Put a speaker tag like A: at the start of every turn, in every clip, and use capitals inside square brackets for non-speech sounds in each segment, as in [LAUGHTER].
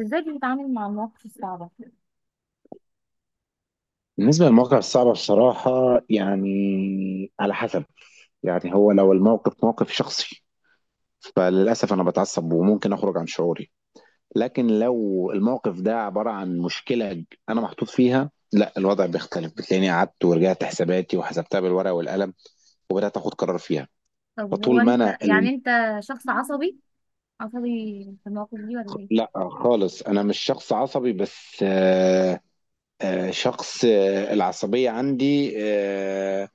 A: ازاي بتتعامل مع المواقف الصعبة؟
B: بالنسبة للمواقف الصعبة، بصراحة يعني على حسب. يعني هو لو الموقف موقف شخصي فللأسف أنا بتعصب وممكن أخرج عن شعوري. لكن لو الموقف ده عبارة عن مشكلة أنا محطوط فيها، لا، الوضع بيختلف. بتلاقيني قعدت ورجعت حساباتي وحسبتها بالورقة والقلم وبدأت أخد قرار فيها.
A: طب هو
B: فطول ما
A: انت
B: أنا
A: يعني
B: ال...
A: انت شخص عصبي، عصبي في المواقف دي ولا ايه؟
B: لا، خالص أنا مش شخص عصبي. بس شخص، العصبية عندي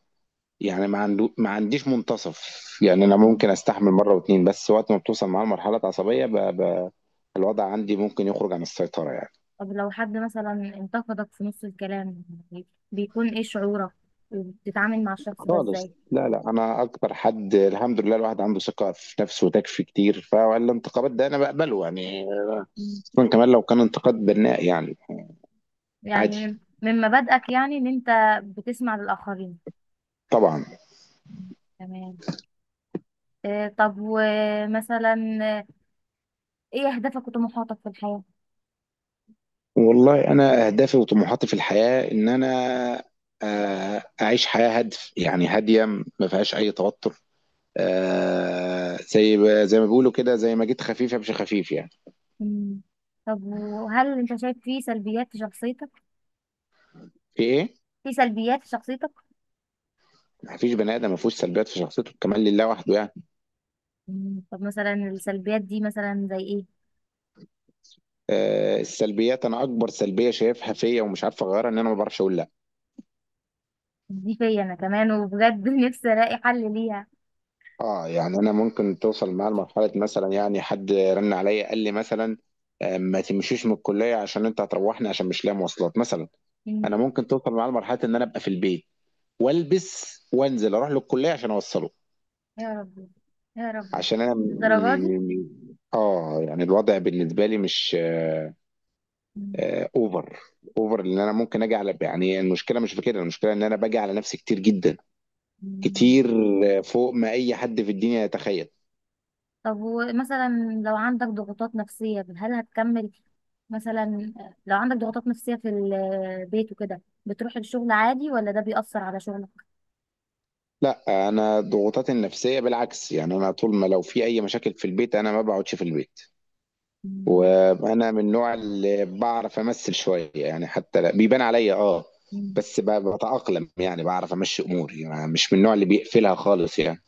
B: يعني ما عنديش منتصف. يعني انا ممكن استحمل مره واتنين، بس وقت ما بتوصل معاه لمرحله عصبيه الوضع عندي ممكن يخرج عن السيطره يعني.
A: طب لو حد مثلا انتقدك في نص الكلام، بيكون ايه شعورك وبتتعامل مع الشخص ده ازاي؟
B: خالص. لا، لا، انا اكبر حد، الحمد لله. الواحد عنده ثقه في نفسه وتكفي كتير، فالانتقادات ده انا بقبله يعني.
A: مم.
B: خصوصا كمان لو كان انتقاد بناء يعني.
A: يعني
B: عادي.
A: من مبادئك يعني ان انت بتسمع للآخرين؟
B: طبعا.
A: مم. تمام. طب ومثلا، آه، ايه اهدافك وطموحاتك في الحياة؟
B: والله انا اهدافي وطموحاتي في الحياه ان انا اعيش حياه هادف يعني هاديه، ما فيهاش اي توتر. زي ما بيقولوا كده، زي ما جيت خفيف امشي خفيف يعني.
A: مم. طب وهل انت شايف في سلبيات في شخصيتك؟
B: في ايه؟
A: في سلبيات في شخصيتك؟
B: ما فيش بني ادم ما فيهوش سلبيات في شخصيته، كمان لله وحده يعني.
A: مم. طب مثلا السلبيات دي مثلا زي ايه؟
B: السلبيات، انا اكبر سلبيه شايفها فيا ومش عارف اغيرها ان انا ما بعرفش اقول لا.
A: دي فيا انا كمان وبجد [LAUGHS] نفسي الاقي حل ليها.
B: اه، يعني انا ممكن توصل معايا لمرحله مثلا، يعني حد رن عليا قال لي مثلا ما تمشيش من الكليه عشان انت هتروحني، عشان مش لاقي مواصلات مثلا. انا
A: مم.
B: ممكن توصل معايا لمرحله ان انا ابقى في البيت والبس وانزل اروح للكليه عشان اوصله.
A: يا ربي، يا ربي،
B: عشان انا م...
A: للدرجه دي؟
B: م- م- اه، يعني الوضع بالنسبه لي مش
A: مم.
B: اوفر. اوفر ان انا ممكن اجي على، يعني المشكله مش في كده، المشكله ان انا باجي على نفسي كتير جدا،
A: مم.
B: كتير، فوق ما اي حد في الدنيا يتخيل.
A: طب ومثلا لو عندك ضغوطات نفسية هل هتكمل؟ مثلا لو عندك ضغوطات نفسية في البيت وكده بتروح الشغل عادي ولا ده بيأثر على شغلك؟
B: لا انا ضغوطاتي النفسيه بالعكس، يعني انا طول ما لو في اي مشاكل في البيت انا ما بقعدش في البيت. وانا من النوع اللي بعرف امثل شويه يعني، حتى بيبان عليا، اه.
A: مم.
B: بس بتاقلم يعني بعرف امشي اموري، يعني مش من النوع اللي بيقفلها خالص يعني.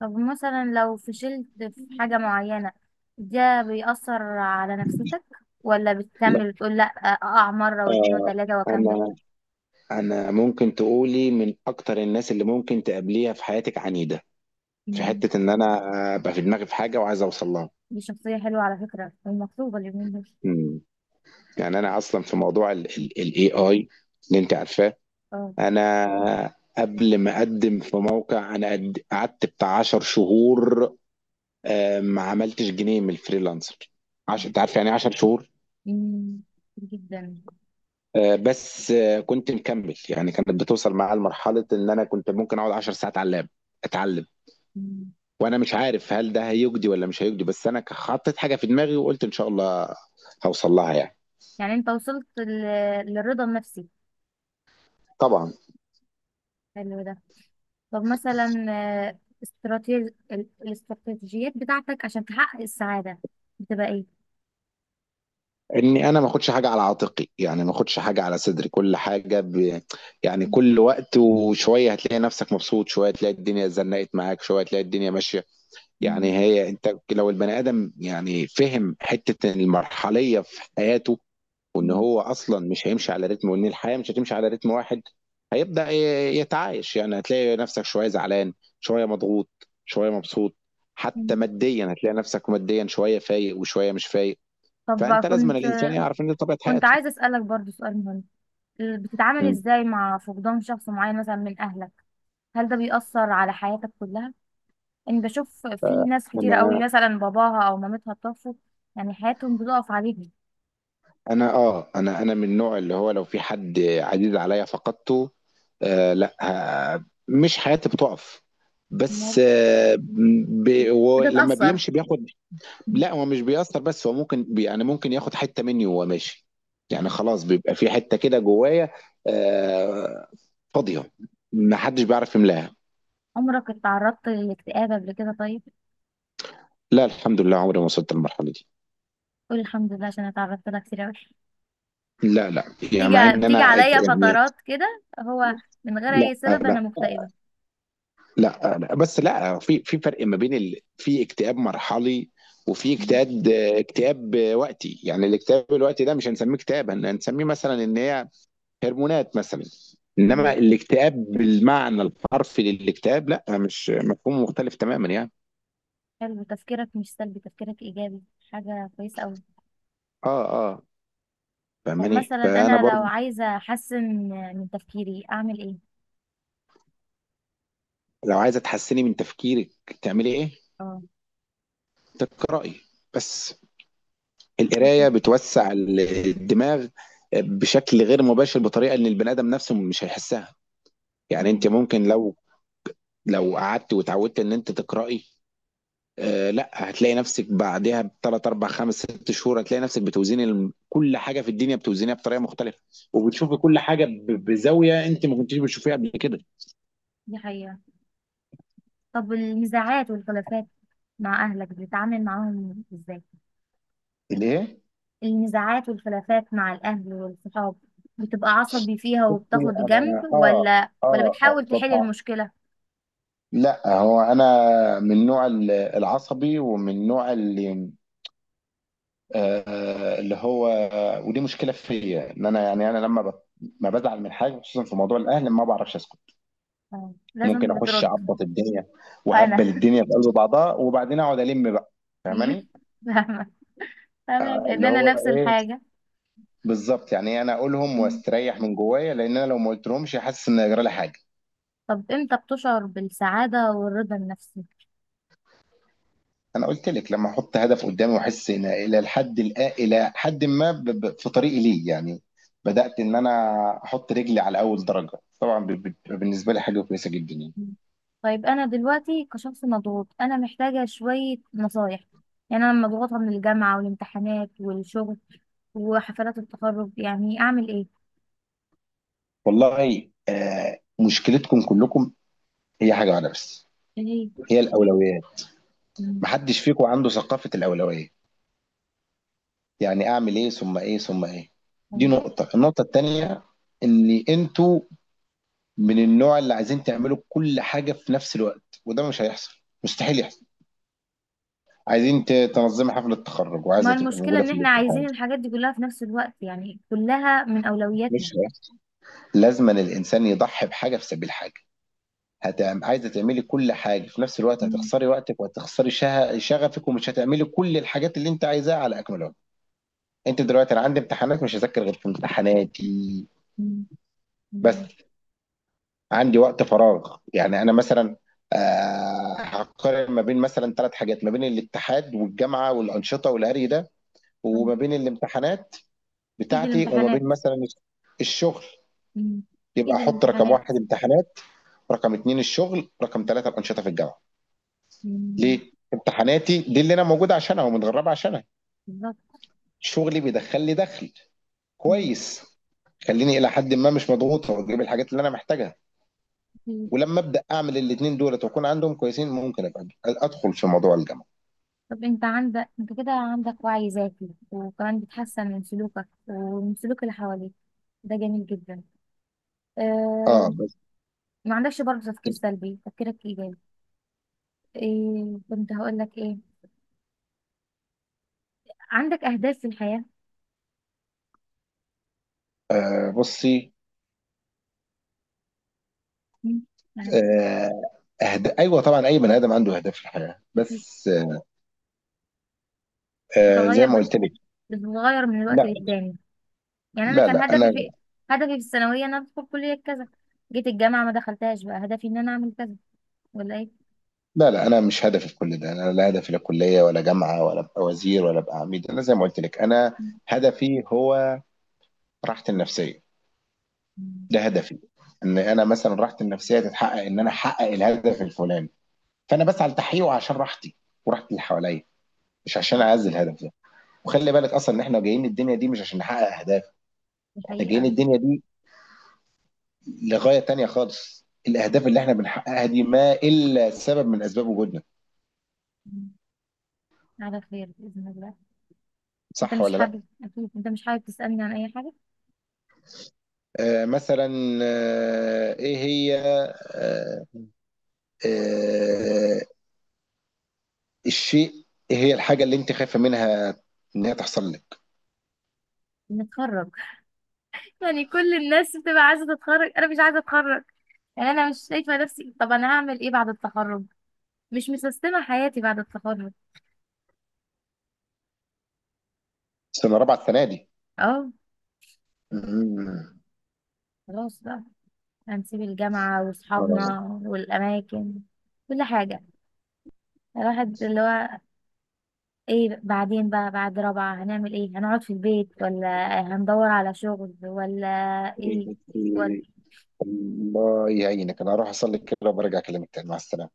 A: طب مثلا لو فشلت في حاجة معينة، ده بيأثر على نفسيتك ولا بتكمل وتقول لا، أقع مرة واتنين
B: آه
A: وتلاتة وأكمل؟
B: أنا أنا ممكن تقولي من أكتر الناس اللي ممكن تقابليها في حياتك عنيدة. في
A: مم.
B: حتة إن أنا أبقى في دماغي في حاجة وعايز أوصل لها.
A: دي شخصية حلوة على فكرة ومطلوبة اليومين دول.
B: مم. يعني أنا أصلا في موضوع ال
A: مم.
B: ال ال AI اللي أنت عارفاه.
A: اه.
B: أنا قبل ما أقدم في موقع أنا قعدت بتاع 10 شهور، ما عملتش جنيه من الفريلانسر. أنت عارف يعني إيه 10 شهور.
A: مم. جدا.
B: بس كنت مكمل يعني، كانت بتوصل معايا لمرحلة إن أنا كنت ممكن أقعد 10 ساعات على اللاب أتعلم.
A: مم.
B: وانا مش عارف هل ده هيجدي ولا مش هيجدي، بس انا حطيت حاجه في دماغي وقلت ان شاء الله هوصل لها يعني.
A: يعني انت وصلت لل- للرضا النفسي؟
B: طبعا.
A: حلو ده. طب مثلا، الاستراتيجيات بتاعتك عشان تحقق السعادة بتبقى ايه؟
B: اني انا ما اخدش حاجه على عاتقي، يعني ما اخدش حاجه على صدري. كل حاجه يعني كل وقت وشويه هتلاقي نفسك مبسوط، شويه تلاقي الدنيا زنقت معاك، شويه تلاقي الدنيا ماشيه.
A: مم.
B: يعني هي انت لو البني ادم، يعني، فهم حته المرحليه في حياته وان
A: مم.
B: هو اصلا مش هيمشي على رتم، وان الحياه مش هتمشي على رتم واحد، هيبدا يتعايش. يعني هتلاقي نفسك شويه زعلان، شويه مضغوط، شويه مبسوط. حتى
A: مم.
B: ماديا هتلاقي نفسك ماديا شويه فايق وشويه مش فايق.
A: طب
B: فانت لازم أن
A: كنت
B: الانسان يعرف ان دي طبيعه
A: كنت
B: حياته.
A: عايزة أسألك برضو سؤال مهم. ال- بتتعامل
B: مم.
A: ازاي مع فقدان شخص معين مثلا من أهلك؟ هل ده بيأثر على حياتك كلها؟ أنا بشوف في ناس كتير
B: انا
A: قوي مثلا باباها أو مامتها توفوا، يعني حياتهم بتقف عليهم.
B: انا اه انا انا من النوع اللي هو، لو في حد عزيز عليا فقدته، لا، مش حياتي بتقف، بس ولما
A: بتتأثر.
B: بيمشي بياخد.
A: مم.
B: لا هو مش بيأثر، بس هو ممكن يعني ممكن ياخد حتة مني وهو ماشي. يعني خلاص بيبقى في حتة كده جوايا آه، فاضية، ما حدش بيعرف يملاها.
A: عمرك اتعرضت للاكتئاب قبل كده طيب؟
B: لا، الحمد لله، عمري ما وصلت للمرحلة دي.
A: قول الحمد لله عشان أنا اتعرضت لها كتير قوي.
B: لا، لا، يعني
A: بتيجي
B: مع ان
A: بتيجي
B: انا
A: عليا
B: يعني،
A: فترات كده هو، من غير
B: لا،
A: أي سبب أنا
B: لا،
A: مكتئبة.
B: لا، لا. بس لا، في فرق ما بين في اكتئاب مرحلي، وفي اكتئاب وقتي، يعني الاكتئاب الوقتي ده مش هنسميه اكتئاب، هنسميه مثلا ان هي هرمونات مثلا. انما
A: مم.
B: الاكتئاب بالمعنى الحرفي للاكتئاب، لا، مش، مفهوم مختلف تماما يعني.
A: حلو، تفكيرك مش سلبي، تفكيرك إيجابي، حاجة كويسة أوي.
B: اه. اه.
A: طب
B: فاهماني؟
A: مثلا
B: فانا
A: انا لو
B: برضو.
A: عايزه احسن من تفكيري اعمل ايه؟
B: لو عايزه تحسني من تفكيرك، تعملي ايه؟
A: اه.
B: تقراي بس. القرايه
A: كتب.
B: بتوسع الدماغ بشكل غير مباشر، بطريقه ان البني ادم نفسه مش هيحسها. يعني انت
A: مم،
B: ممكن لو قعدت وتعودت ان انت تقراي، لا، هتلاقي نفسك بعدها بثلاث اربع خمس ست شهور هتلاقي نفسك بتوزيني كل حاجه في الدنيا بتوزينها بطريقه مختلفه، وبتشوفي كل حاجه بزاويه انت ما كنتيش بتشوفيها قبل كده.
A: دي حقيقه. طب النزاعات والخلافات مع اهلك بتتعامل معاهم ازاي؟
B: ليه؟
A: النزاعات والخلافات مع الاهل والصحاب، بتبقى عصبي فيها
B: بصي.
A: وبتاخد جنب
B: انا. اه،
A: ولا
B: اه، اه،
A: بتحاول تحل
B: طبعا.
A: المشكله؟
B: لا هو انا من نوع العصبي، ومن نوع اللي هو. ودي مشكله فيا، ان انا يعني انا لما ما بزعل من حاجه، خصوصا في موضوع الاهل، ما بعرفش اسكت.
A: اه،
B: ممكن
A: لازم
B: اخش
A: بترد.
B: اعبط الدنيا وهبل
A: انا
B: الدنيا في قلب بعضها وبعدين اقعد الم بقى. فاهماني؟
A: [LAUGHS] فاهمه، فاهمه لان
B: اللي
A: انا
B: هو
A: نفس
B: ايه،
A: الحاجه.
B: بالظبط، يعني إيه، انا اقولهم
A: مم.
B: واستريح من جوايا، لان انا لو ما قلتلهمش حاسس ان هيجرى لي حاجه.
A: طب امتى بتشعر بالسعاده والرضا النفسي؟
B: انا قلت لك، لما احط هدف قدامي واحس ان الى الحد الى حد ما في طريقي ليه يعني، بدات ان انا احط رجلي على اول درجه، طبعا بالنسبه لي حاجه كويسه جدا يعني.
A: طيب انا دلوقتي كشخص مضغوط انا محتاجه شويه نصايح. يعني انا مضغوطه من الجامعه والامتحانات والشغل وحفلات التخرج، يعني اعمل ايه؟
B: والله مشكلتكم كلكم هي حاجه واحده بس.
A: ايه؟
B: هي الاولويات.
A: مم.
B: محدش فيكم عنده ثقافه الاولويات، يعني اعمل ايه ثم ايه ثم ايه. دي
A: مم.
B: نقطة. النقطة التانية ان انتوا من النوع اللي عايزين تعملوا كل حاجة في نفس الوقت، وده مش هيحصل، مستحيل يحصل. عايزين تنظمي حفلة تخرج
A: ما
B: وعايزة تبقى
A: المشكله
B: موجودة
A: ان
B: في
A: احنا
B: الاتحاد،
A: عايزين الحاجات دي كلها في نفس الوقت، يعني كلها من اولوياتنا.
B: مش هيحصل. لازما الانسان يضحي بحاجة في سبيل حاجة. عايزة تعملي كل حاجة في نفس الوقت،
A: مم.
B: هتخسري وقتك وهتخسري شغفك، ومش هتعملي كل الحاجات اللي انت عايزاها على اكمل وجه. انت دلوقتي، انا عندي امتحانات، مش هذاكر غير في امتحاناتي
A: مم.
B: بس.
A: مم.
B: عندي وقت فراغ، يعني انا مثلا هقارن ما بين مثلا ثلاث حاجات، ما بين الاتحاد والجامعه والانشطه والهري ده،
A: مم.
B: وما بين الامتحانات
A: اكيد
B: بتاعتي، وما
A: الامتحانات.
B: بين مثلا الشغل.
A: مم.
B: يبقى
A: اكيد
B: احط رقم
A: الامتحانات.
B: واحد امتحانات، رقم اتنين الشغل، رقم ثلاثه الانشطه في الجامعه.
A: مم.
B: ليه؟ امتحاناتي دي اللي انا موجود عشانها ومتغربه عشانها.
A: بالظبط.
B: شغلي بيدخل لي دخل
A: مم.
B: كويس، خليني الى حد ما مش مضغوط واجيب الحاجات اللي انا محتاجها. ولما ابدا اعمل الاثنين دولت واكون عندهم كويسين ممكن ابقى ادخل في موضوع الجامعه.
A: طب انت عندك، انت كده عندك وعي ذاتي وكمان بتحسن من سلوكك ومن سلوك اللي حواليك، ده جميل جدا.
B: اه.
A: اه.
B: بس
A: ما عندكش برضه تفكير سلبي، تفكيرك ايجابي. ايه كنت هقول لك؟ ايه، عندك اهداف في الحياة؟
B: بصي.
A: مم، يعني
B: آه ايوه طبعا، اي بني ادم عنده اهداف في الحياه،
A: أكيد.
B: بس زي
A: بتتغير،
B: ما قلت لك.
A: بتتغير من الوقت
B: لا،
A: للتاني؟ يعني انا
B: لا،
A: كان
B: لا،
A: هدفي
B: انا،
A: في هدفي في الثانوية ان انا ادخل كلية كذا، جيت الجامعة ما دخلتهاش بقى هدفي ان انا اعمل كذا، ولا ايه؟
B: لا، لا، انا مش هدفي في كل ده. انا لا هدفي لا كليه ولا جامعه ولا ابقى وزير ولا ابقى عميد. انا زي ما قلت لك، انا هدفي هو راحتي النفسيه.
A: مم.
B: ده هدفي، ان انا مثلا راحتي النفسيه تتحقق، ان انا احقق الهدف الفلاني، فانا بسعى لتحقيقه عشان راحتي وراحه اللي حواليا، مش عشان
A: طيب.
B: اعزل الهدف ده. وخلي بالك اصلا ان احنا جايين الدنيا دي مش عشان نحقق اهداف.
A: دي
B: احنا جايين
A: حقيقة.
B: الدنيا دي لغايه تانية خالص، الاهداف اللي احنا بنحققها دي ما الا سبب من اسباب وجودنا.
A: مم. على خير بإذن الله. انت
B: صح
A: مش
B: ولا لا؟
A: حابب، اكيد انت مش حابب تسألني عن اي حاجة؟
B: مثلا، ايه هي، آه آه الشيء ايه هي الحاجه اللي انت خايفه منها ان هي تحصل لك؟
A: نتخرج. [LAUGHS] يعني كل الناس بتبقى عايزة تتخرج، انا مش عايزة اتخرج. يعني انا مش شايفة نفسي، طب انا هعمل ايه بعد التخرج؟ مش مسستمة حياتي بعد التخرج.
B: سنه رابعه السنه دي.
A: اه.
B: مم.
A: خلاص بقى، هنسيب الجامعة واصحابنا
B: اه،
A: والاماكن، كل حاجة. الواحد اللي هو، ايه بعدين بقى بعد رابعة؟ هنعمل ايه؟ هنقعد في البيت ولا هندور على شغل ولا ايه، ولا
B: الله يعينك. انا هروح اصلي كده وبرجع اكلمك تاني، مع السلامه.